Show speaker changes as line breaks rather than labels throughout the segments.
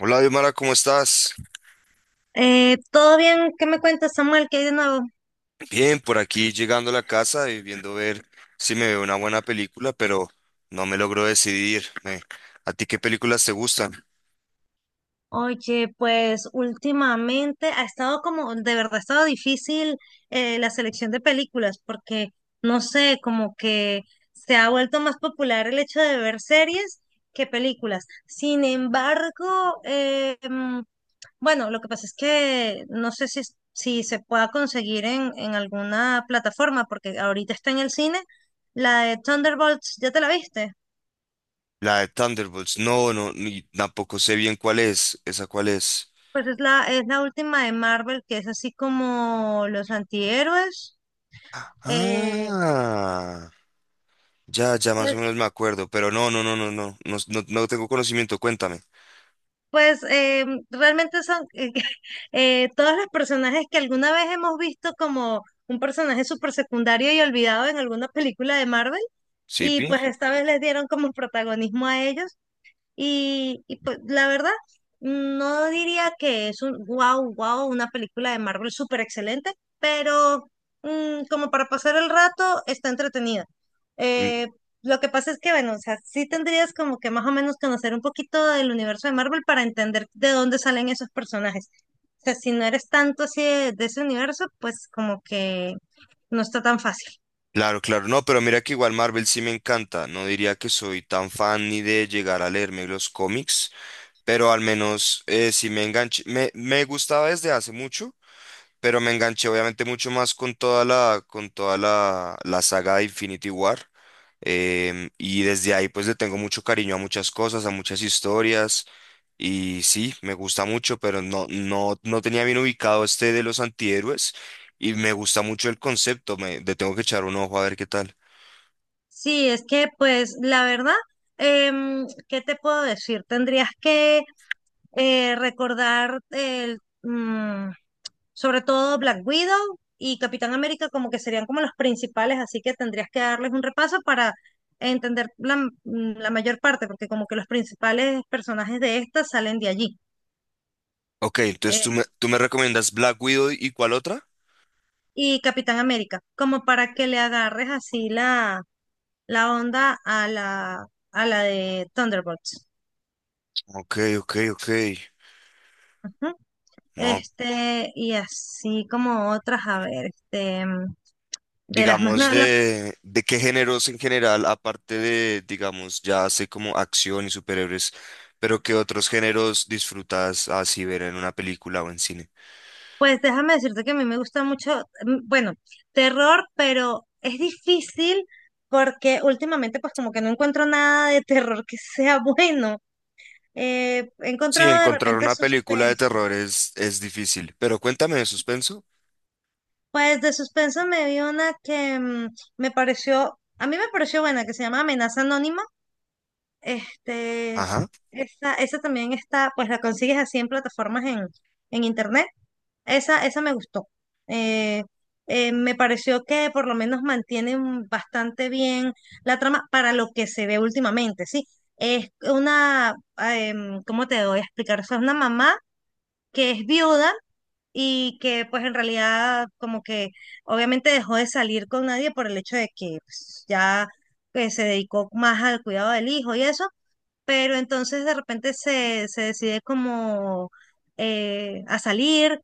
Hola, Diomara, ¿cómo estás?
¿Todo bien? ¿Qué me cuentas, Samuel? ¿Qué hay de nuevo?
Bien, por aquí llegando a la casa y viendo ver si me veo una buena película, pero no me logro decidir. ¿A ti qué películas te gustan?
Oye, pues últimamente ha estado como, de verdad ha estado difícil la selección de películas, porque no sé, como que se ha vuelto más popular el hecho de ver series que películas. Sin embargo, bueno, lo que pasa es que no sé si se pueda conseguir en alguna plataforma, porque ahorita está en el cine la de Thunderbolts, ¿ya te la viste?
La de Thunderbolts. No, no, ni tampoco sé bien cuál es. ¿Esa cuál es?
Pues es la última de Marvel, que es así como los antihéroes. Eh,
Ah, ya, ya más o
pues
menos me acuerdo, pero no, no, no, no, no, no, no, no tengo conocimiento, cuéntame.
pues eh, realmente son todos los personajes que alguna vez hemos visto como un personaje súper secundario y olvidado en alguna película de Marvel.
¿Sí,
Y
Pi?
pues esta vez les dieron como protagonismo a ellos. Y pues la verdad, no diría que es un wow, wow, una película de Marvel súper excelente, pero como para pasar el rato está entretenida.
Mm.
Eh, lo que pasa es que, bueno, o sea, sí tendrías como que más o menos conocer un poquito del universo de Marvel para entender de dónde salen esos personajes. O sea, si no eres tanto así de ese universo, pues como que no está tan fácil.
Claro, claro, no, pero mira que igual Marvel sí me encanta. No diría que soy tan fan ni de llegar a leerme los cómics. Pero al menos sí me enganché, me gustaba desde hace mucho, pero me enganché obviamente mucho más con toda con toda la saga de Infinity War. Y desde ahí pues le tengo mucho cariño a muchas cosas, a muchas historias. Y sí, me gusta mucho, pero no, no, no tenía bien ubicado este de los antihéroes. Y me gusta mucho el concepto, me, le tengo que echar un ojo a ver qué tal.
Sí, es que pues la verdad, ¿qué te puedo decir? Tendrías que recordar sobre todo Black Widow y Capitán América como que serían como los principales, así que tendrías que darles un repaso para entender la mayor parte, porque como que los principales personajes de esta salen de allí.
Ok, entonces
eh,
tú me recomiendas Black Widow, ¿y cuál otra?
y Capitán América, como para que le agarres así la onda a a la de Thunderbolts.
Ok, ok, ok.
Ujú.
No.
Este, y así como otras, a ver, de las más
Digamos,
nuevas.
de qué géneros en general, aparte de, digamos, ya así como acción y superhéroes, pero qué otros géneros disfrutas así ver en una película o en cine.
Pues déjame decirte que a mí me gusta mucho, bueno, terror, pero es difícil porque últimamente pues como que no encuentro nada de terror que sea bueno. He
Sí,
encontrado de
encontrar
repente
una película de
suspenso.
terror es difícil, pero cuéntame de suspenso.
Pues de suspenso me vi una que me pareció, a mí me pareció buena, que se llama Amenaza Anónima. Este,
Ajá.
esa también está, pues la consigues así en plataformas en internet. Esa me gustó. Eh, Me pareció que por lo menos mantienen bastante bien la trama para lo que se ve últimamente, ¿sí? Es una, ¿cómo te voy a explicar? O sea, es una mamá que es viuda y que pues en realidad como que obviamente dejó de salir con nadie por el hecho de que pues, ya que se dedicó más al cuidado del hijo y eso, pero entonces de repente se decide como a salir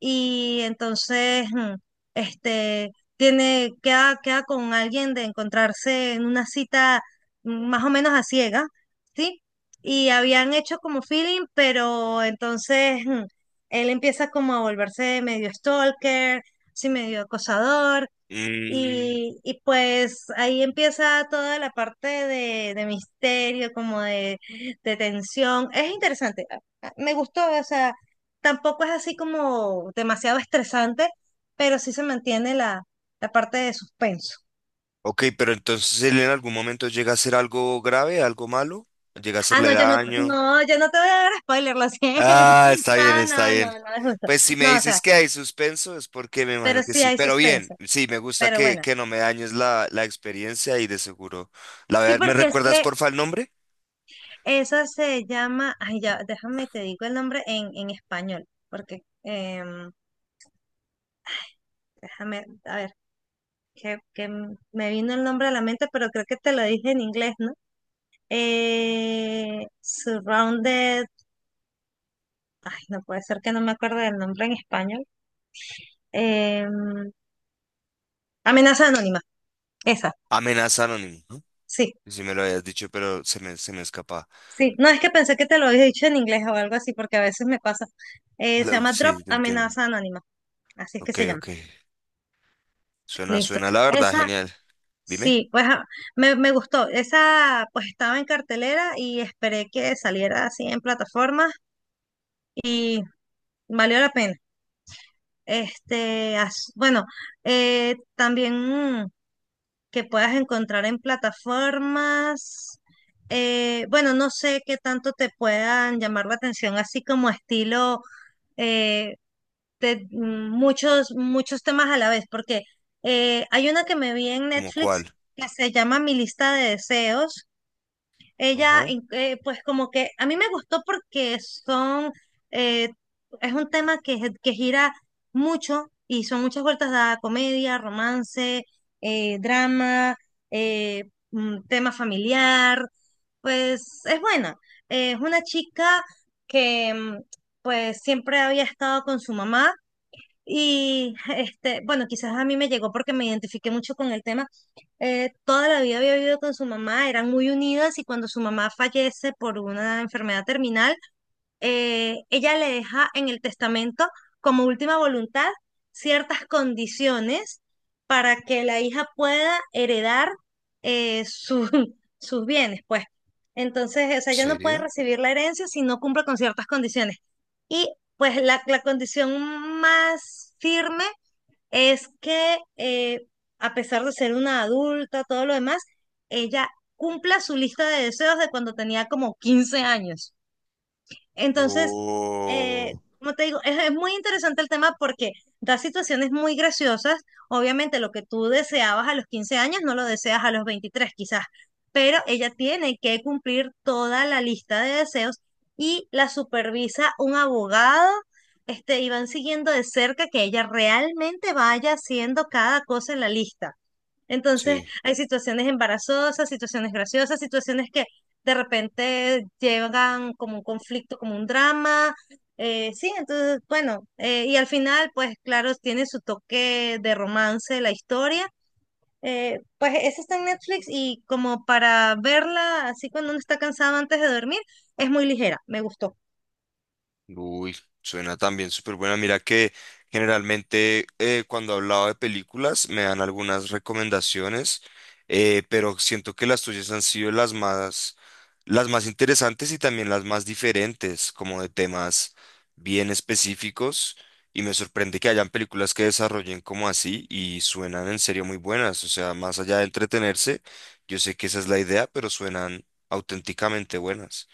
y entonces este, tiene, queda con alguien de encontrarse en una cita más o menos a ciega, ¿sí? Y habían hecho como feeling, pero entonces él empieza como a volverse medio stalker, sí, medio acosador.
Mm,
Y pues ahí empieza toda la parte de misterio, como de tensión. Es interesante, me gustó, o sea, tampoco es así como demasiado estresante, pero sí se mantiene la parte de suspenso.
ok, pero entonces él en algún momento llega a ser algo grave, algo malo, llega a
Ah,
hacerle
no,
daño.
yo no te voy a dar spoiler, lo siento.
Ah, está bien,
No,
está
no,
bien.
no, no es justo.
Pues si me
No, o
dices
sea,
que hay suspenso es porque me
pero
imagino que
sí
sí.
hay
Pero bien,
suspenso.
sí, me gusta
Pero bueno,
que no me dañes la, la experiencia y de seguro. La
sí,
verdad, ¿me
porque es
recuerdas
que
porfa el nombre?
esa se llama, ay ya, déjame te digo el nombre en español, porque déjame, a ver, me vino el nombre a la mente, pero creo que te lo dije en inglés, ¿no? Surrounded, ay, no puede ser que no me acuerdo del nombre en español. Em, Amenaza anónima, esa,
Amenaza Anónimo, ¿no?
sí,
Si me lo habías dicho, pero se me escapa.
sí. No, es que pensé que te lo había dicho en inglés o algo así, porque a veces me pasa. Se
Lo-
llama Drop
sí, te entiendo.
Amenaza Anónima, así es que
Ok,
se llama.
ok. Suena,
Listo.
suena la verdad,
Esa,
genial. Dime,
sí, pues ah, me gustó. Esa pues estaba en cartelera y esperé que saliera así en plataformas y valió la pena. Este, bueno, también mm, que puedas encontrar en plataformas, bueno, no sé qué tanto te puedan llamar la atención, así como estilo eh, muchos, muchos temas a la vez, porque hay una que me vi en
¿cómo
Netflix
cuál?
que se llama Mi lista de deseos.
Ajá.
Pues como que a mí me gustó porque son, eh, es un tema que gira mucho y son muchas vueltas de comedia, romance, drama, eh, tema familiar, pues es buena. Es una chica que pues siempre había estado con su mamá y este, bueno, quizás a mí me llegó porque me identifiqué mucho con el tema. Toda la vida había vivido con su mamá, eran muy unidas y cuando su mamá fallece por una enfermedad terminal, ella le deja en el testamento como última voluntad ciertas condiciones para que la hija pueda heredar eh, su- sus bienes, pues. Entonces, o sea, ella no puede
¿Serio?
recibir la herencia si no cumple con ciertas condiciones. Y pues la condición más firme es que a pesar de ser una adulta, todo lo demás, ella cumpla su lista de deseos de cuando tenía como 15 años. Entonces, eh,
Oh,
como te digo, es muy interesante el tema porque da situaciones muy graciosas. Obviamente lo que tú deseabas a los 15 años no lo deseas a los 23, quizás, pero ella tiene que cumplir toda la lista de deseos y la supervisa un abogado. Este, y van siguiendo de cerca que ella realmente vaya haciendo cada cosa en la lista. Entonces,
sí.
hay situaciones embarazosas, situaciones graciosas, situaciones que de repente llegan como un conflicto, como un drama. Sí, entonces, bueno, y al final, pues claro, tiene su toque de romance la historia. Pues esa está en Netflix y como para verla así cuando uno está cansado antes de dormir, es muy ligera, me gustó.
Uy, suena también súper buena. Mira que generalmente cuando hablaba de películas me dan algunas recomendaciones, pero siento que las tuyas han sido las más interesantes y también las más diferentes, como de temas bien específicos. Y me sorprende que hayan películas que desarrollen como así y suenan en serio muy buenas. O sea, más allá de entretenerse, yo sé que esa es la idea, pero suenan auténticamente buenas.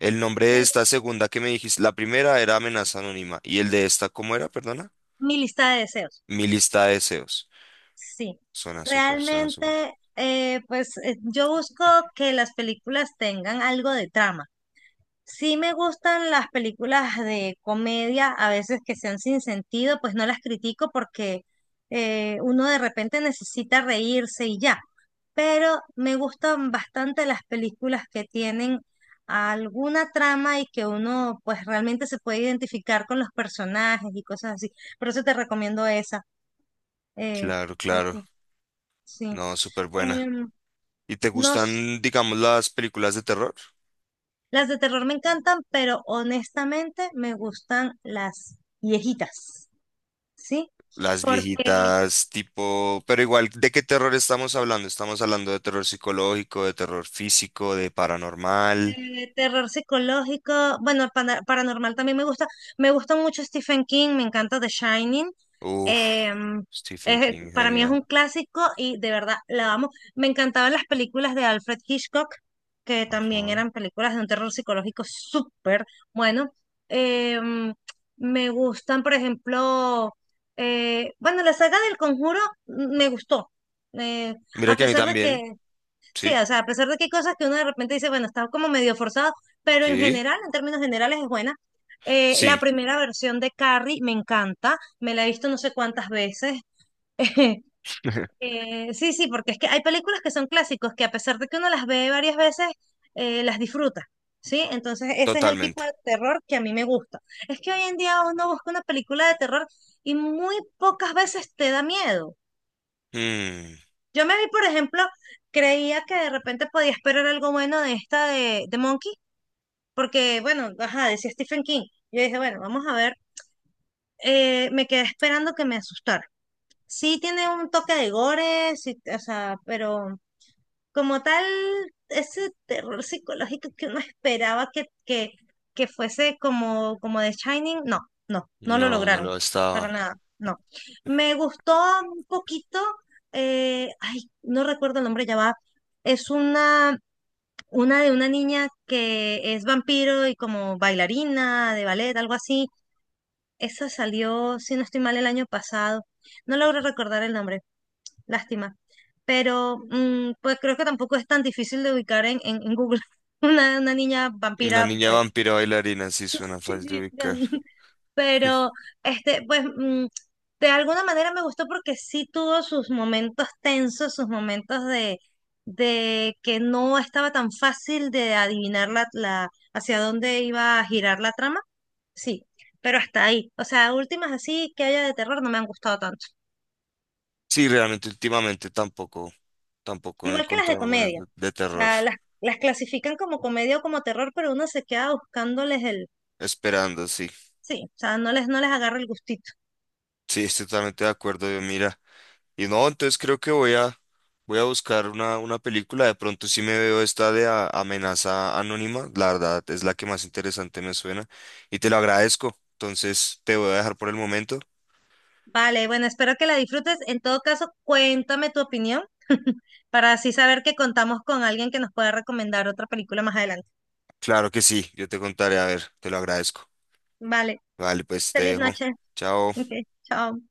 El nombre de
Eh,
esta segunda que me dijiste, la primera era Amenaza Anónima. ¿Y el de esta cómo era, perdona?
Mi lista de deseos,
Mi lista de deseos.
sí.
Suena súper, suena súper.
Realmente, yo busco que las películas tengan algo de trama. Sí me gustan las películas de comedia, a veces que sean sin sentido, pues no las critico porque uno de repente necesita reírse y ya. Pero me gustan bastante las películas que tienen alguna trama y que uno pues realmente se puede identificar con los personajes y cosas así. Por eso te recomiendo esa. eh,
Claro, claro.
porque, sí.
No, súper buena.
Em,
¿Y te
no.
gustan, digamos, las películas de terror?
Las de terror me encantan, pero honestamente me gustan las viejitas, ¿sí?
Las
Porque
viejitas, tipo... Pero igual, ¿de qué terror estamos hablando? Estamos hablando de terror psicológico, de terror físico, de paranormal.
Terror psicológico, bueno, paranormal también me gusta. Me gusta mucho Stephen King, me encanta The Shining.
Uf,
em,
Stephen King,
para mí es
genial.
un clásico y de verdad la amo. Me encantaban las películas de Alfred Hitchcock, que también
Ajá.
eran películas de un terror psicológico súper bueno. Em, Me gustan, por ejemplo, bueno, la saga del Conjuro me gustó. Eh,
Mira
a
que a mí
pesar de
también.
que Sí,
Sí,
o sea, a pesar de que hay cosas que uno de repente dice, bueno, está como medio forzado, pero en
sí,
general, en términos generales, es buena.
sí,
La primera versión de Carrie me encanta, me la he visto no sé cuántas veces. Sí, sí, porque es que hay películas que son clásicos que a pesar de que uno las ve varias veces, las disfruta, ¿sí? Entonces ese es el tipo
totalmente.
de terror que a mí me gusta. Es que hoy en día uno busca una película de terror y muy pocas veces te da miedo.
Mm.
Yo me vi, por ejemplo, creía que de repente podía esperar algo bueno de esta de Monkey, porque, bueno, ajá, decía Stephen King. Yo dije, bueno, vamos a ver. Me quedé esperando que me asustara. Sí tiene un toque de gore, sí, o sea, pero como tal, ese terror psicológico que uno esperaba que fuese como, como The Shining, no, no, no lo
No, no
lograron,
lo
para
estaba.
nada, no. Me gustó un poquito, ay, no recuerdo el nombre, ya va, es una de una niña que es vampiro y como bailarina de ballet, algo así. Esa salió, si no estoy mal, el año pasado. No logro recordar el nombre, lástima. Pero pues creo que tampoco es tan difícil de ubicar en Google una niña
Una
vampira,
niña
pues.
vampiro bailarina, sí suena
Sí,
fácil de ubicar.
pero, este, pues, mm, de alguna manera me gustó porque sí tuvo sus momentos tensos, sus momentos de que no estaba tan fácil de adivinar hacia dónde iba a girar la trama. Sí, pero hasta ahí. O sea, últimas así que haya de terror no me han gustado tanto.
Sí, realmente últimamente tampoco, tampoco he
Igual que las de
encontrado buenas
comedia. O
de terror.
sea, las clasifican como comedia o como terror, pero uno se queda buscándoles el...
Esperando, sí.
Sí, o sea, no no les agarra el gustito.
Sí, estoy totalmente de acuerdo, yo mira. Y no, entonces creo que voy a buscar una película. De pronto sí me veo esta de Amenaza Anónima. La verdad es la que más interesante me suena. Y te lo agradezco. Entonces te voy a dejar por el momento.
Vale, bueno, espero que la disfrutes. En todo caso, cuéntame tu opinión para así saber que contamos con alguien que nos pueda recomendar otra película más adelante.
Claro que sí, yo te contaré. A ver, te lo agradezco.
Vale,
Vale, pues te
feliz
dejo.
noche. Ok,
Chao.
chao.